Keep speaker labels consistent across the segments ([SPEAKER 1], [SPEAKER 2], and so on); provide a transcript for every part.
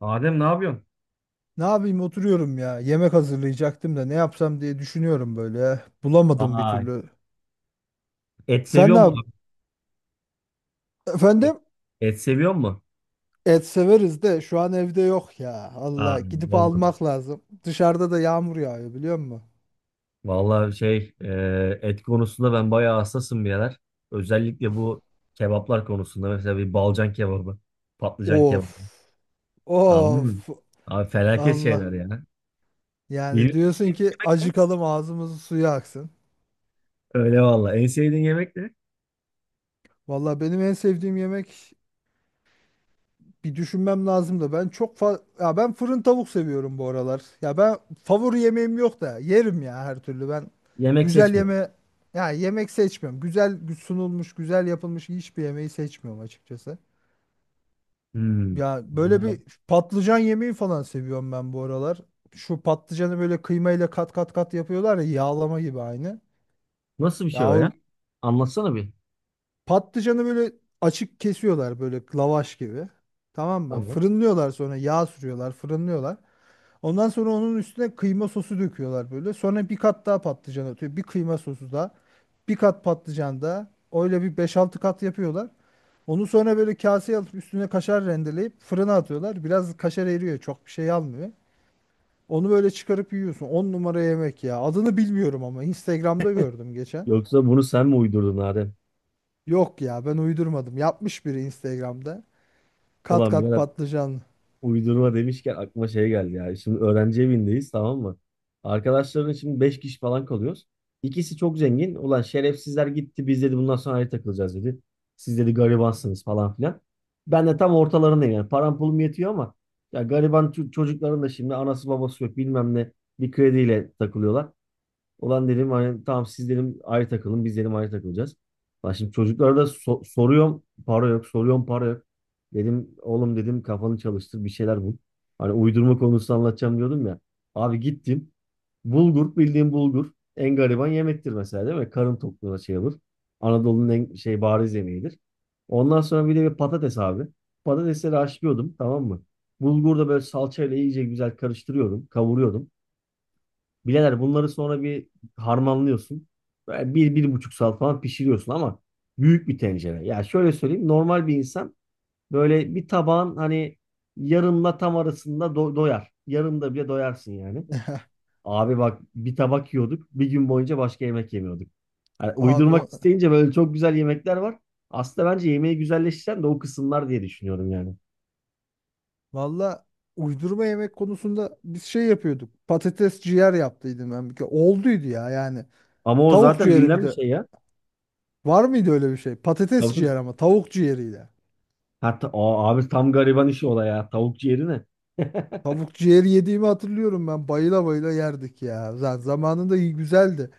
[SPEAKER 1] Adem ne yapıyorsun?
[SPEAKER 2] Ne yapayım oturuyorum ya. Yemek hazırlayacaktım da ne yapsam diye düşünüyorum böyle ya. Bulamadım bir
[SPEAKER 1] Vay.
[SPEAKER 2] türlü.
[SPEAKER 1] Et
[SPEAKER 2] Sen
[SPEAKER 1] seviyor
[SPEAKER 2] ne
[SPEAKER 1] mu
[SPEAKER 2] yap?
[SPEAKER 1] abi?
[SPEAKER 2] Efendim?
[SPEAKER 1] Et seviyor mu?
[SPEAKER 2] Et severiz de şu an evde yok ya.
[SPEAKER 1] Aa,
[SPEAKER 2] Allah gidip
[SPEAKER 1] olmadı.
[SPEAKER 2] almak lazım. Dışarıda da yağmur yağıyor biliyor musun?
[SPEAKER 1] Vallahi şey et konusunda ben bayağı hassasım bir yerler. Özellikle bu kebaplar konusunda mesela bir balcan kebabı, patlıcan kebabı.
[SPEAKER 2] Of.
[SPEAKER 1] Anladın mı?
[SPEAKER 2] Of.
[SPEAKER 1] Abi felaket
[SPEAKER 2] Allah.
[SPEAKER 1] şeyler ya.
[SPEAKER 2] Yani
[SPEAKER 1] Bilmiyorum.
[SPEAKER 2] diyorsun ki acıkalım ağzımızın suyu aksın.
[SPEAKER 1] Öyle valla. En sevdiğin yemek ne?
[SPEAKER 2] Valla benim en sevdiğim yemek. Bir düşünmem lazım da ben çok fa ya ben fırın tavuk seviyorum bu aralar. Ya ben favori yemeğim yok da yerim ya her türlü. Ben
[SPEAKER 1] Yemek
[SPEAKER 2] güzel
[SPEAKER 1] seçmiyorum.
[SPEAKER 2] yeme ya yemek seçmiyorum. Güzel sunulmuş, güzel yapılmış hiçbir yemeği seçmiyorum açıkçası.
[SPEAKER 1] Hmm.
[SPEAKER 2] Ya böyle
[SPEAKER 1] Vallahi
[SPEAKER 2] bir patlıcan yemeği falan seviyorum ben bu aralar. Şu patlıcanı böyle kıymayla kat kat kat yapıyorlar ya, yağlama gibi aynı.
[SPEAKER 1] nasıl bir
[SPEAKER 2] Ya
[SPEAKER 1] şey o ya?
[SPEAKER 2] o
[SPEAKER 1] Anlatsana bir.
[SPEAKER 2] patlıcanı böyle açık kesiyorlar böyle lavaş gibi. Tamam mı?
[SPEAKER 1] Tamam.
[SPEAKER 2] Fırınlıyorlar, sonra yağ sürüyorlar, fırınlıyorlar. Ondan sonra onun üstüne kıyma sosu döküyorlar böyle. Sonra bir kat daha patlıcan atıyor. Bir kıyma sosu daha. Bir kat patlıcan daha. Öyle bir beş altı kat yapıyorlar. Onu sonra böyle kaseye alıp üstüne kaşar rendeleyip fırına atıyorlar. Biraz kaşar eriyor. Çok bir şey almıyor. Onu böyle çıkarıp yiyorsun. 10 numara yemek ya. Adını bilmiyorum ama Instagram'da gördüm geçen.
[SPEAKER 1] Yoksa bunu sen mi uydurdun Adem?
[SPEAKER 2] Yok ya, ben uydurmadım. Yapmış biri Instagram'da. Kat
[SPEAKER 1] Ulan
[SPEAKER 2] kat
[SPEAKER 1] birader.
[SPEAKER 2] patlıcan.
[SPEAKER 1] Uydurma demişken aklıma şey geldi ya. Şimdi öğrenci evindeyiz, tamam mı? Arkadaşların şimdi 5 kişi falan kalıyoruz. İkisi çok zengin. Ulan şerefsizler gitti, biz dedi bundan sonra ayrı takılacağız dedi. Siz dedi garibansınız falan filan. Ben de tam ortalarındayım yani. Param pulum yetiyor ama ya gariban çocukların da şimdi anası babası yok bilmem ne, bir krediyle takılıyorlar. Ulan dedim hani tamam siz dedim ayrı takılın, biz dedim ayrı takılacağız. Lan şimdi çocuklara da soruyorum para yok, soruyorum para yok. Dedim oğlum dedim kafanı çalıştır bir şeyler bul. Hani uydurma konusu anlatacağım diyordum ya. Abi gittim, bulgur, bildiğim bulgur, en gariban yemektir mesela değil mi? Karın tokluğuna şey olur. Anadolu'nun en şey bariz yemeğidir. Ondan sonra bir de bir patates abi. Patatesleri haşlıyordum, tamam mı? Bulgur da böyle salçayla iyice güzel karıştırıyordum, kavuruyordum. Bileler bunları sonra bir harmanlıyorsun. Böyle bir buçuk saat falan pişiriyorsun ama büyük bir tencere. Ya şöyle söyleyeyim, normal bir insan böyle bir tabağın hani yarımla tam arasında doyar. Yarımda bile doyarsın yani. Abi bak bir tabak yiyorduk, bir gün boyunca başka yemek yemiyorduk. Yani
[SPEAKER 2] Abi
[SPEAKER 1] uydurmak
[SPEAKER 2] o-
[SPEAKER 1] isteyince böyle çok güzel yemekler var. Aslında bence yemeği güzelleştiren de o kısımlar diye düşünüyorum yani.
[SPEAKER 2] Valla, uydurma yemek konusunda biz şey yapıyorduk. Patates ciğer yaptıydım ben bir kere. Olduydu ya yani.
[SPEAKER 1] Ama o
[SPEAKER 2] Tavuk
[SPEAKER 1] zaten
[SPEAKER 2] ciğeri
[SPEAKER 1] bilinen
[SPEAKER 2] bir
[SPEAKER 1] bir
[SPEAKER 2] de.
[SPEAKER 1] şey ya.
[SPEAKER 2] Var mıydı öyle bir şey? Patates
[SPEAKER 1] Tabii. Tabii.
[SPEAKER 2] ciğer ama tavuk ciğeriyle.
[SPEAKER 1] Hatta, aa, abi tam gariban işi o da ya. Tavuk ciğeri ne?
[SPEAKER 2] Tavuk ciğeri yediğimi hatırlıyorum ben. Bayıla bayıla yerdik ya. Zaten zamanında iyi güzeldi.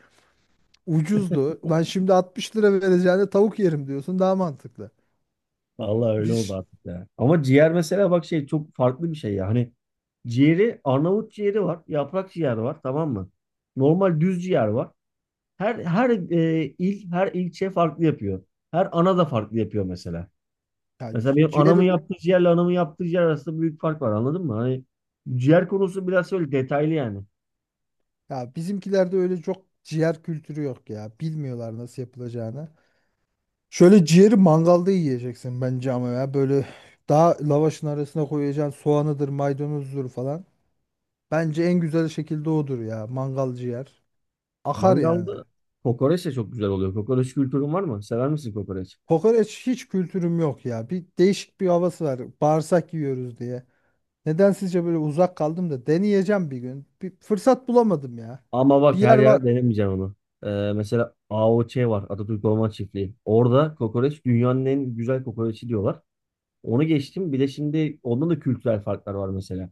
[SPEAKER 2] Ucuzdu. Ben şimdi 60 TL lira vereceğine tavuk yerim diyorsun. Daha mantıklı.
[SPEAKER 1] Vallahi öyle oldu
[SPEAKER 2] Biz
[SPEAKER 1] artık ya. Ama ciğer mesela bak şey çok farklı bir şey ya. Hani ciğeri, Arnavut ciğeri var, yaprak ciğer var, tamam mı? Normal düz ciğer var. Her il her ilçe farklı yapıyor. Her ana da farklı yapıyor mesela.
[SPEAKER 2] ya
[SPEAKER 1] Mesela
[SPEAKER 2] ci-
[SPEAKER 1] benim anamın
[SPEAKER 2] ciğeri
[SPEAKER 1] yaptığı ciğerle anamın yaptığı ciğer arasında büyük fark var, anladın mı? Hani ciğer konusu biraz öyle detaylı yani.
[SPEAKER 2] ya Bizimkilerde öyle çok ciğer kültürü yok ya. Bilmiyorlar nasıl yapılacağını. Şöyle ciğeri mangalda yiyeceksin bence, ama ya böyle daha lavaşın arasına koyacaksın, soğanıdır, maydanozdur falan. Bence en güzel şekilde odur ya, mangal ciğer. Akar yani.
[SPEAKER 1] Mangalda kokoreç de çok güzel oluyor. Kokoreç kültürün var mı? Sever misin kokoreç?
[SPEAKER 2] Kokoreç hiç kültürüm yok ya. Bir değişik bir havası var. Bağırsak yiyoruz diye. Neden sizce böyle uzak kaldım, da deneyeceğim bir gün. Bir fırsat bulamadım ya.
[SPEAKER 1] Ama
[SPEAKER 2] Bir
[SPEAKER 1] bak her
[SPEAKER 2] yer var.
[SPEAKER 1] yerde denemeyeceğim onu. Ee, mesela AOÇ var. Atatürk Orman Çiftliği. Orada kokoreç dünyanın en güzel kokoreçi diyorlar. Onu geçtim. Bir de şimdi ondan da kültürel farklar var mesela.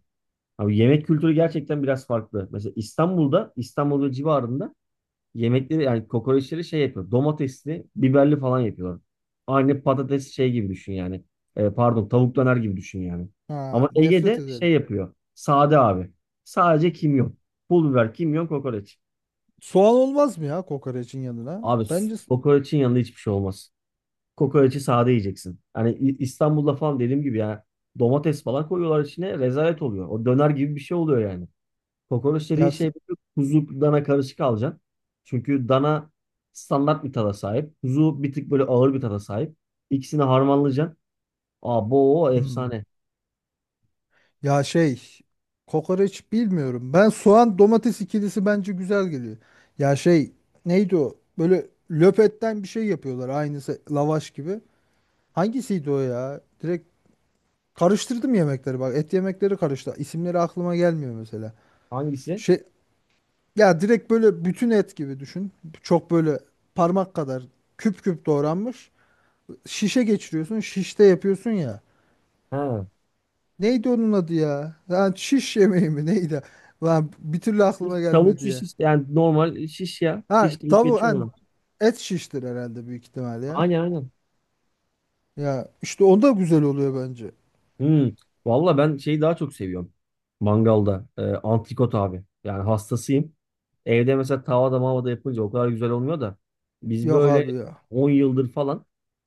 [SPEAKER 1] Abi yemek kültürü gerçekten biraz farklı. Mesela İstanbul'da, İstanbul ve civarında yemekleri yani kokoreçleri şey yapıyor. Domatesli, biberli falan yapıyorlar. Aynı patates şey gibi düşün yani. Pardon, tavuk döner gibi düşün yani.
[SPEAKER 2] Ha,
[SPEAKER 1] Ama
[SPEAKER 2] nefret
[SPEAKER 1] Ege'de şey
[SPEAKER 2] ederim.
[SPEAKER 1] yapıyor. Sade abi. Sadece kimyon. Pul biber, kimyon, kokoreç.
[SPEAKER 2] Soğan olmaz mı ya kokoreçin yanına?
[SPEAKER 1] Abi
[SPEAKER 2] Bence s-
[SPEAKER 1] kokoreçin yanında hiçbir şey olmaz. Kokoreçi sade yiyeceksin. Hani İstanbul'da falan dediğim gibi ya, domates falan koyuyorlar içine, rezalet oluyor. O döner gibi bir şey oluyor yani. Kokoreç dediğin
[SPEAKER 2] ya
[SPEAKER 1] şey
[SPEAKER 2] s-
[SPEAKER 1] böyle kuzu dana karışık alacaksın. Çünkü dana standart bir tada sahip. Kuzu bir tık böyle ağır bir tada sahip. İkisini harmanlayacaksın. Aa bu
[SPEAKER 2] Hmm.
[SPEAKER 1] efsane.
[SPEAKER 2] Ya şey, kokoreç bilmiyorum. Ben soğan domates ikilisi bence güzel geliyor. Ya şey, neydi o? Böyle löpetten bir şey yapıyorlar, aynısı lavaş gibi. Hangisiydi o ya? Direkt karıştırdım yemekleri, bak et yemekleri karıştı. İsimleri aklıma gelmiyor mesela.
[SPEAKER 1] Hangisi?
[SPEAKER 2] Şey, ya direkt böyle bütün et gibi düşün. Çok böyle parmak kadar küp küp doğranmış. Şişe geçiriyorsun, şişte yapıyorsun ya.
[SPEAKER 1] Ha.
[SPEAKER 2] Neydi onun adı ya? Lan şiş yemeği mi neydi? Lan bir türlü
[SPEAKER 1] Şiş,
[SPEAKER 2] aklıma
[SPEAKER 1] tavuk
[SPEAKER 2] gelmedi
[SPEAKER 1] şiş
[SPEAKER 2] ya.
[SPEAKER 1] işte. Yani normal şiş ya.
[SPEAKER 2] Ha
[SPEAKER 1] Şiş deyip
[SPEAKER 2] tavuk lan
[SPEAKER 1] geçiyorum.
[SPEAKER 2] Et şiştir herhalde, büyük ihtimal ya.
[SPEAKER 1] Aynen aynen.
[SPEAKER 2] Ya işte onda güzel oluyor bence.
[SPEAKER 1] Hmm. Valla ben şeyi daha çok seviyorum. Mangalda. Antrikot abi. Yani hastasıyım. Evde mesela tavada mavada yapınca o kadar güzel olmuyor da. Biz
[SPEAKER 2] Yok
[SPEAKER 1] böyle
[SPEAKER 2] abi ya.
[SPEAKER 1] 10 yıldır falan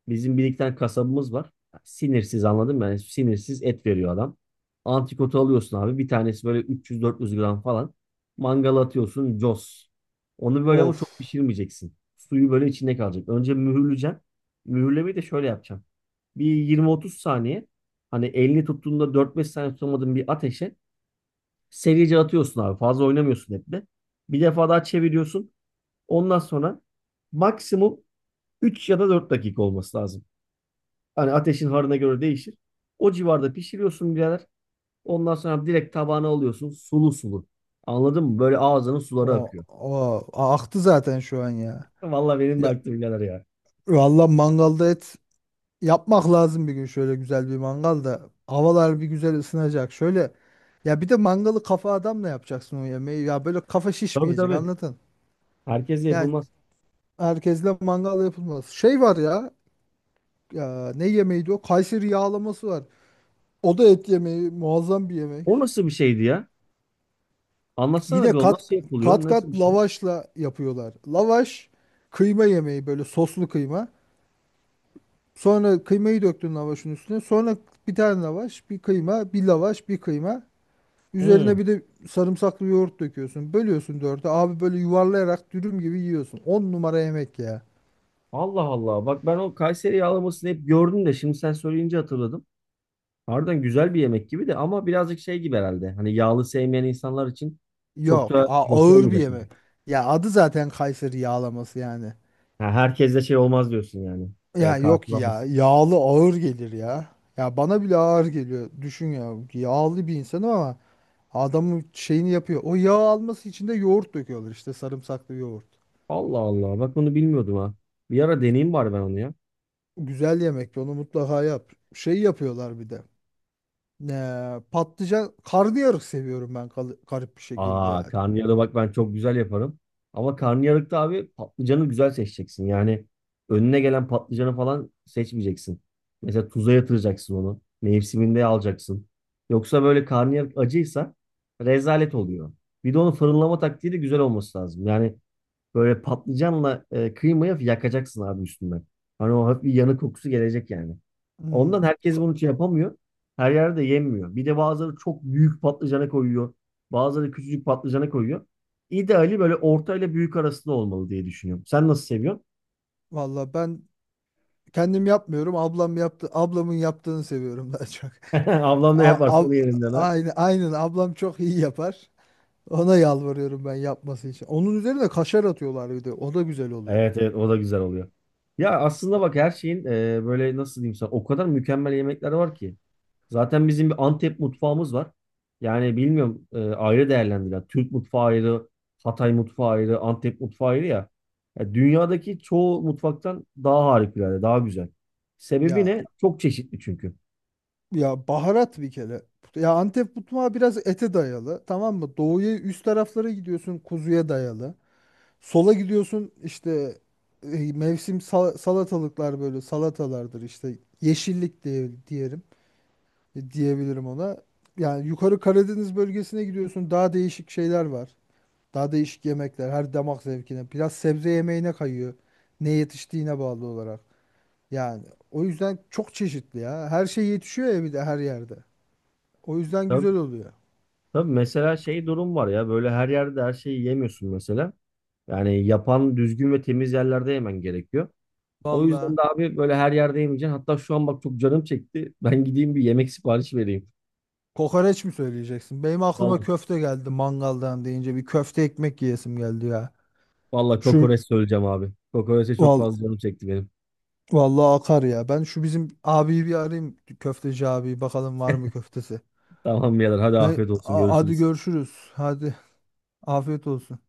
[SPEAKER 1] bizim bir iki tane kasabımız var. Sinirsiz anladın mı? Yani sinirsiz et veriyor adam. Antrikotu alıyorsun abi. Bir tanesi böyle 300-400 gram falan. Mangala atıyorsun. Cos. Onu böyle ama çok
[SPEAKER 2] Of.
[SPEAKER 1] pişirmeyeceksin. Suyu böyle içinde kalacak. Önce mühürleyeceksin. Mühürlemeyi de şöyle yapacağım. Bir 20-30 saniye. Hani elini tuttuğunda dört beş saniye tutamadığın bir ateşe serice atıyorsun abi. Fazla oynamıyorsun hep de. Bir defa daha çeviriyorsun. Ondan sonra maksimum 3 ya da 4 dakika olması lazım. Hani ateşin harına göre değişir. O civarda pişiriyorsun birader. Ondan sonra direkt tabağına alıyorsun. Sulu sulu. Anladın mı? Böyle ağzının suları
[SPEAKER 2] O,
[SPEAKER 1] akıyor.
[SPEAKER 2] o, aktı zaten şu an ya.
[SPEAKER 1] Vallahi benim de
[SPEAKER 2] Ya
[SPEAKER 1] aktı birader ya.
[SPEAKER 2] valla, mangalda et yapmak lazım bir gün, şöyle güzel bir mangalda. Havalar bir güzel ısınacak. Şöyle, ya bir de mangalı kafa adamla yapacaksın o yemeği. Ya böyle kafa
[SPEAKER 1] Tabii
[SPEAKER 2] şişmeyecek,
[SPEAKER 1] tabii.
[SPEAKER 2] anladın?
[SPEAKER 1] Herkese
[SPEAKER 2] Ya
[SPEAKER 1] yapılmaz.
[SPEAKER 2] herkesle mangal yapılmaz. Şey var ya, ya ne yemeğiydi o? Kayseri yağlaması var. O da et yemeği, muazzam bir
[SPEAKER 1] O
[SPEAKER 2] yemek.
[SPEAKER 1] nasıl bir şeydi ya? Anlatsana
[SPEAKER 2] Yine
[SPEAKER 1] bir, o
[SPEAKER 2] kat
[SPEAKER 1] nasıl yapılıyor?
[SPEAKER 2] kat
[SPEAKER 1] Nasıl
[SPEAKER 2] kat
[SPEAKER 1] bir şey?
[SPEAKER 2] lavaşla yapıyorlar. Lavaş kıyma yemeği, böyle soslu kıyma. Sonra kıymayı döktün lavaşın üstüne. Sonra bir tane lavaş, bir kıyma, bir lavaş, bir kıyma. Üzerine
[SPEAKER 1] Hı.
[SPEAKER 2] bir de sarımsaklı yoğurt döküyorsun. Bölüyorsun dörde. Abi böyle yuvarlayarak dürüm gibi yiyorsun. 10 numara yemek ya.
[SPEAKER 1] Allah Allah. Bak ben o Kayseri yağlamasını hep gördüm de şimdi sen söyleyince hatırladım. Harbiden güzel bir yemek gibi de ama birazcık şey gibi herhalde. Hani yağlı sevmeyen insanlar için çok
[SPEAKER 2] Yok,
[SPEAKER 1] da hoş
[SPEAKER 2] ağır bir
[SPEAKER 1] olmayacak gibi.
[SPEAKER 2] yemek. Ya adı zaten Kayseri yağlaması yani.
[SPEAKER 1] Ha, herkes de şey olmaz diyorsun yani. E,
[SPEAKER 2] Ya yok ya,
[SPEAKER 1] karşılamaz.
[SPEAKER 2] yağlı ağır gelir ya. Ya bana bile ağır geliyor. Düşün ya, yağlı bir insanım ama adamın şeyini yapıyor. O, yağ alması için de yoğurt döküyorlar işte, sarımsaklı yoğurt.
[SPEAKER 1] Allah Allah. Bak bunu bilmiyordum ha. Bir ara deneyeyim bari ben onu ya.
[SPEAKER 2] Güzel yemek, onu mutlaka yap. Şey yapıyorlar bir de. Ne, patlıcan, karnıyarık seviyorum ben garip bir şekilde
[SPEAKER 1] Aa
[SPEAKER 2] ya.
[SPEAKER 1] karnıyarı bak ben çok güzel yaparım. Ama karnıyarıkta abi patlıcanı güzel seçeceksin. Yani önüne gelen patlıcanı falan seçmeyeceksin. Mesela tuza yatıracaksın onu. Mevsiminde alacaksın. Yoksa böyle karnıyarık acıysa rezalet oluyor. Bir de onun fırınlama taktiği de güzel olması lazım. Yani böyle patlıcanla kıymayı hafif yakacaksın abi üstünden. Hani o hafif bir yanık kokusu gelecek yani. Ondan
[SPEAKER 2] Hmm,
[SPEAKER 1] herkes bunu şey yapamıyor. Her yerde yenmiyor. Bir de bazıları çok büyük patlıcana koyuyor. Bazıları küçücük patlıcana koyuyor. İdeali böyle orta ile büyük arasında olmalı diye düşünüyorum. Sen nasıl seviyorsun?
[SPEAKER 2] valla ben kendim yapmıyorum, ablam yaptı, ablamın yaptığını seviyorum daha çok.
[SPEAKER 1] Ablam ne
[SPEAKER 2] A-
[SPEAKER 1] yaparsa onu
[SPEAKER 2] ab-
[SPEAKER 1] yerinden.
[SPEAKER 2] aynen, aynen, ablam çok iyi yapar. Ona yalvarıyorum ben yapması için. Onun üzerine kaşar atıyorlar bir de. O da güzel oluyor.
[SPEAKER 1] Evet evet o da güzel oluyor. Ya aslında bak her şeyin böyle nasıl diyeyim sana, o kadar mükemmel yemekler var ki. Zaten bizim bir Antep mutfağımız var. Yani bilmiyorum ayrı değerlendirilen. Türk mutfağı ayrı, Hatay mutfağı ayrı, Antep mutfağı ayrı ya. Ya dünyadaki çoğu mutfaktan daha harikulade, daha güzel. Sebebi
[SPEAKER 2] Ya
[SPEAKER 1] ne? Çok çeşitli çünkü.
[SPEAKER 2] ya baharat bir kere. Ya Antep mutfağı biraz ete dayalı. Tamam mı? Doğuya, üst taraflara gidiyorsun, kuzuya dayalı. Sola gidiyorsun işte, mevsim salatalıklar, böyle salatalardır işte, yeşillik diye diyelim, diyebilirim ona. Yani yukarı Karadeniz bölgesine gidiyorsun, daha değişik şeyler var. Daha değişik yemekler, her damak zevkine. Biraz sebze yemeğine kayıyor. Ne yetiştiğine bağlı olarak. Yani o yüzden çok çeşitli ya. Her şey yetişiyor ya bir de, her yerde. O yüzden
[SPEAKER 1] Tabii,
[SPEAKER 2] güzel oluyor.
[SPEAKER 1] tabii mesela şey durum var ya, böyle her yerde her şeyi yemiyorsun mesela. Yani yapan düzgün ve temiz yerlerde yemen gerekiyor. O yüzden
[SPEAKER 2] Valla.
[SPEAKER 1] de abi böyle her yerde yemeyeceksin. Hatta şu an bak çok canım çekti. Ben gideyim bir yemek siparişi vereyim.
[SPEAKER 2] Kokoreç mi söyleyeceksin? Benim aklıma
[SPEAKER 1] Vallahi,
[SPEAKER 2] köfte geldi, mangaldan deyince bir köfte ekmek yiyesim geldi ya.
[SPEAKER 1] vallahi
[SPEAKER 2] Şu
[SPEAKER 1] kokoreç söyleyeceğim abi. Kokoreçe çok
[SPEAKER 2] val
[SPEAKER 1] fazla canım çekti benim.
[SPEAKER 2] Vallahi akar ya. Ben şu bizim abiyi bir arayayım. Köfteci abi, bakalım var mı köftesi.
[SPEAKER 1] Tamam birader, hadi afiyet olsun,
[SPEAKER 2] Hadi
[SPEAKER 1] görüşürüz.
[SPEAKER 2] görüşürüz. Hadi afiyet olsun.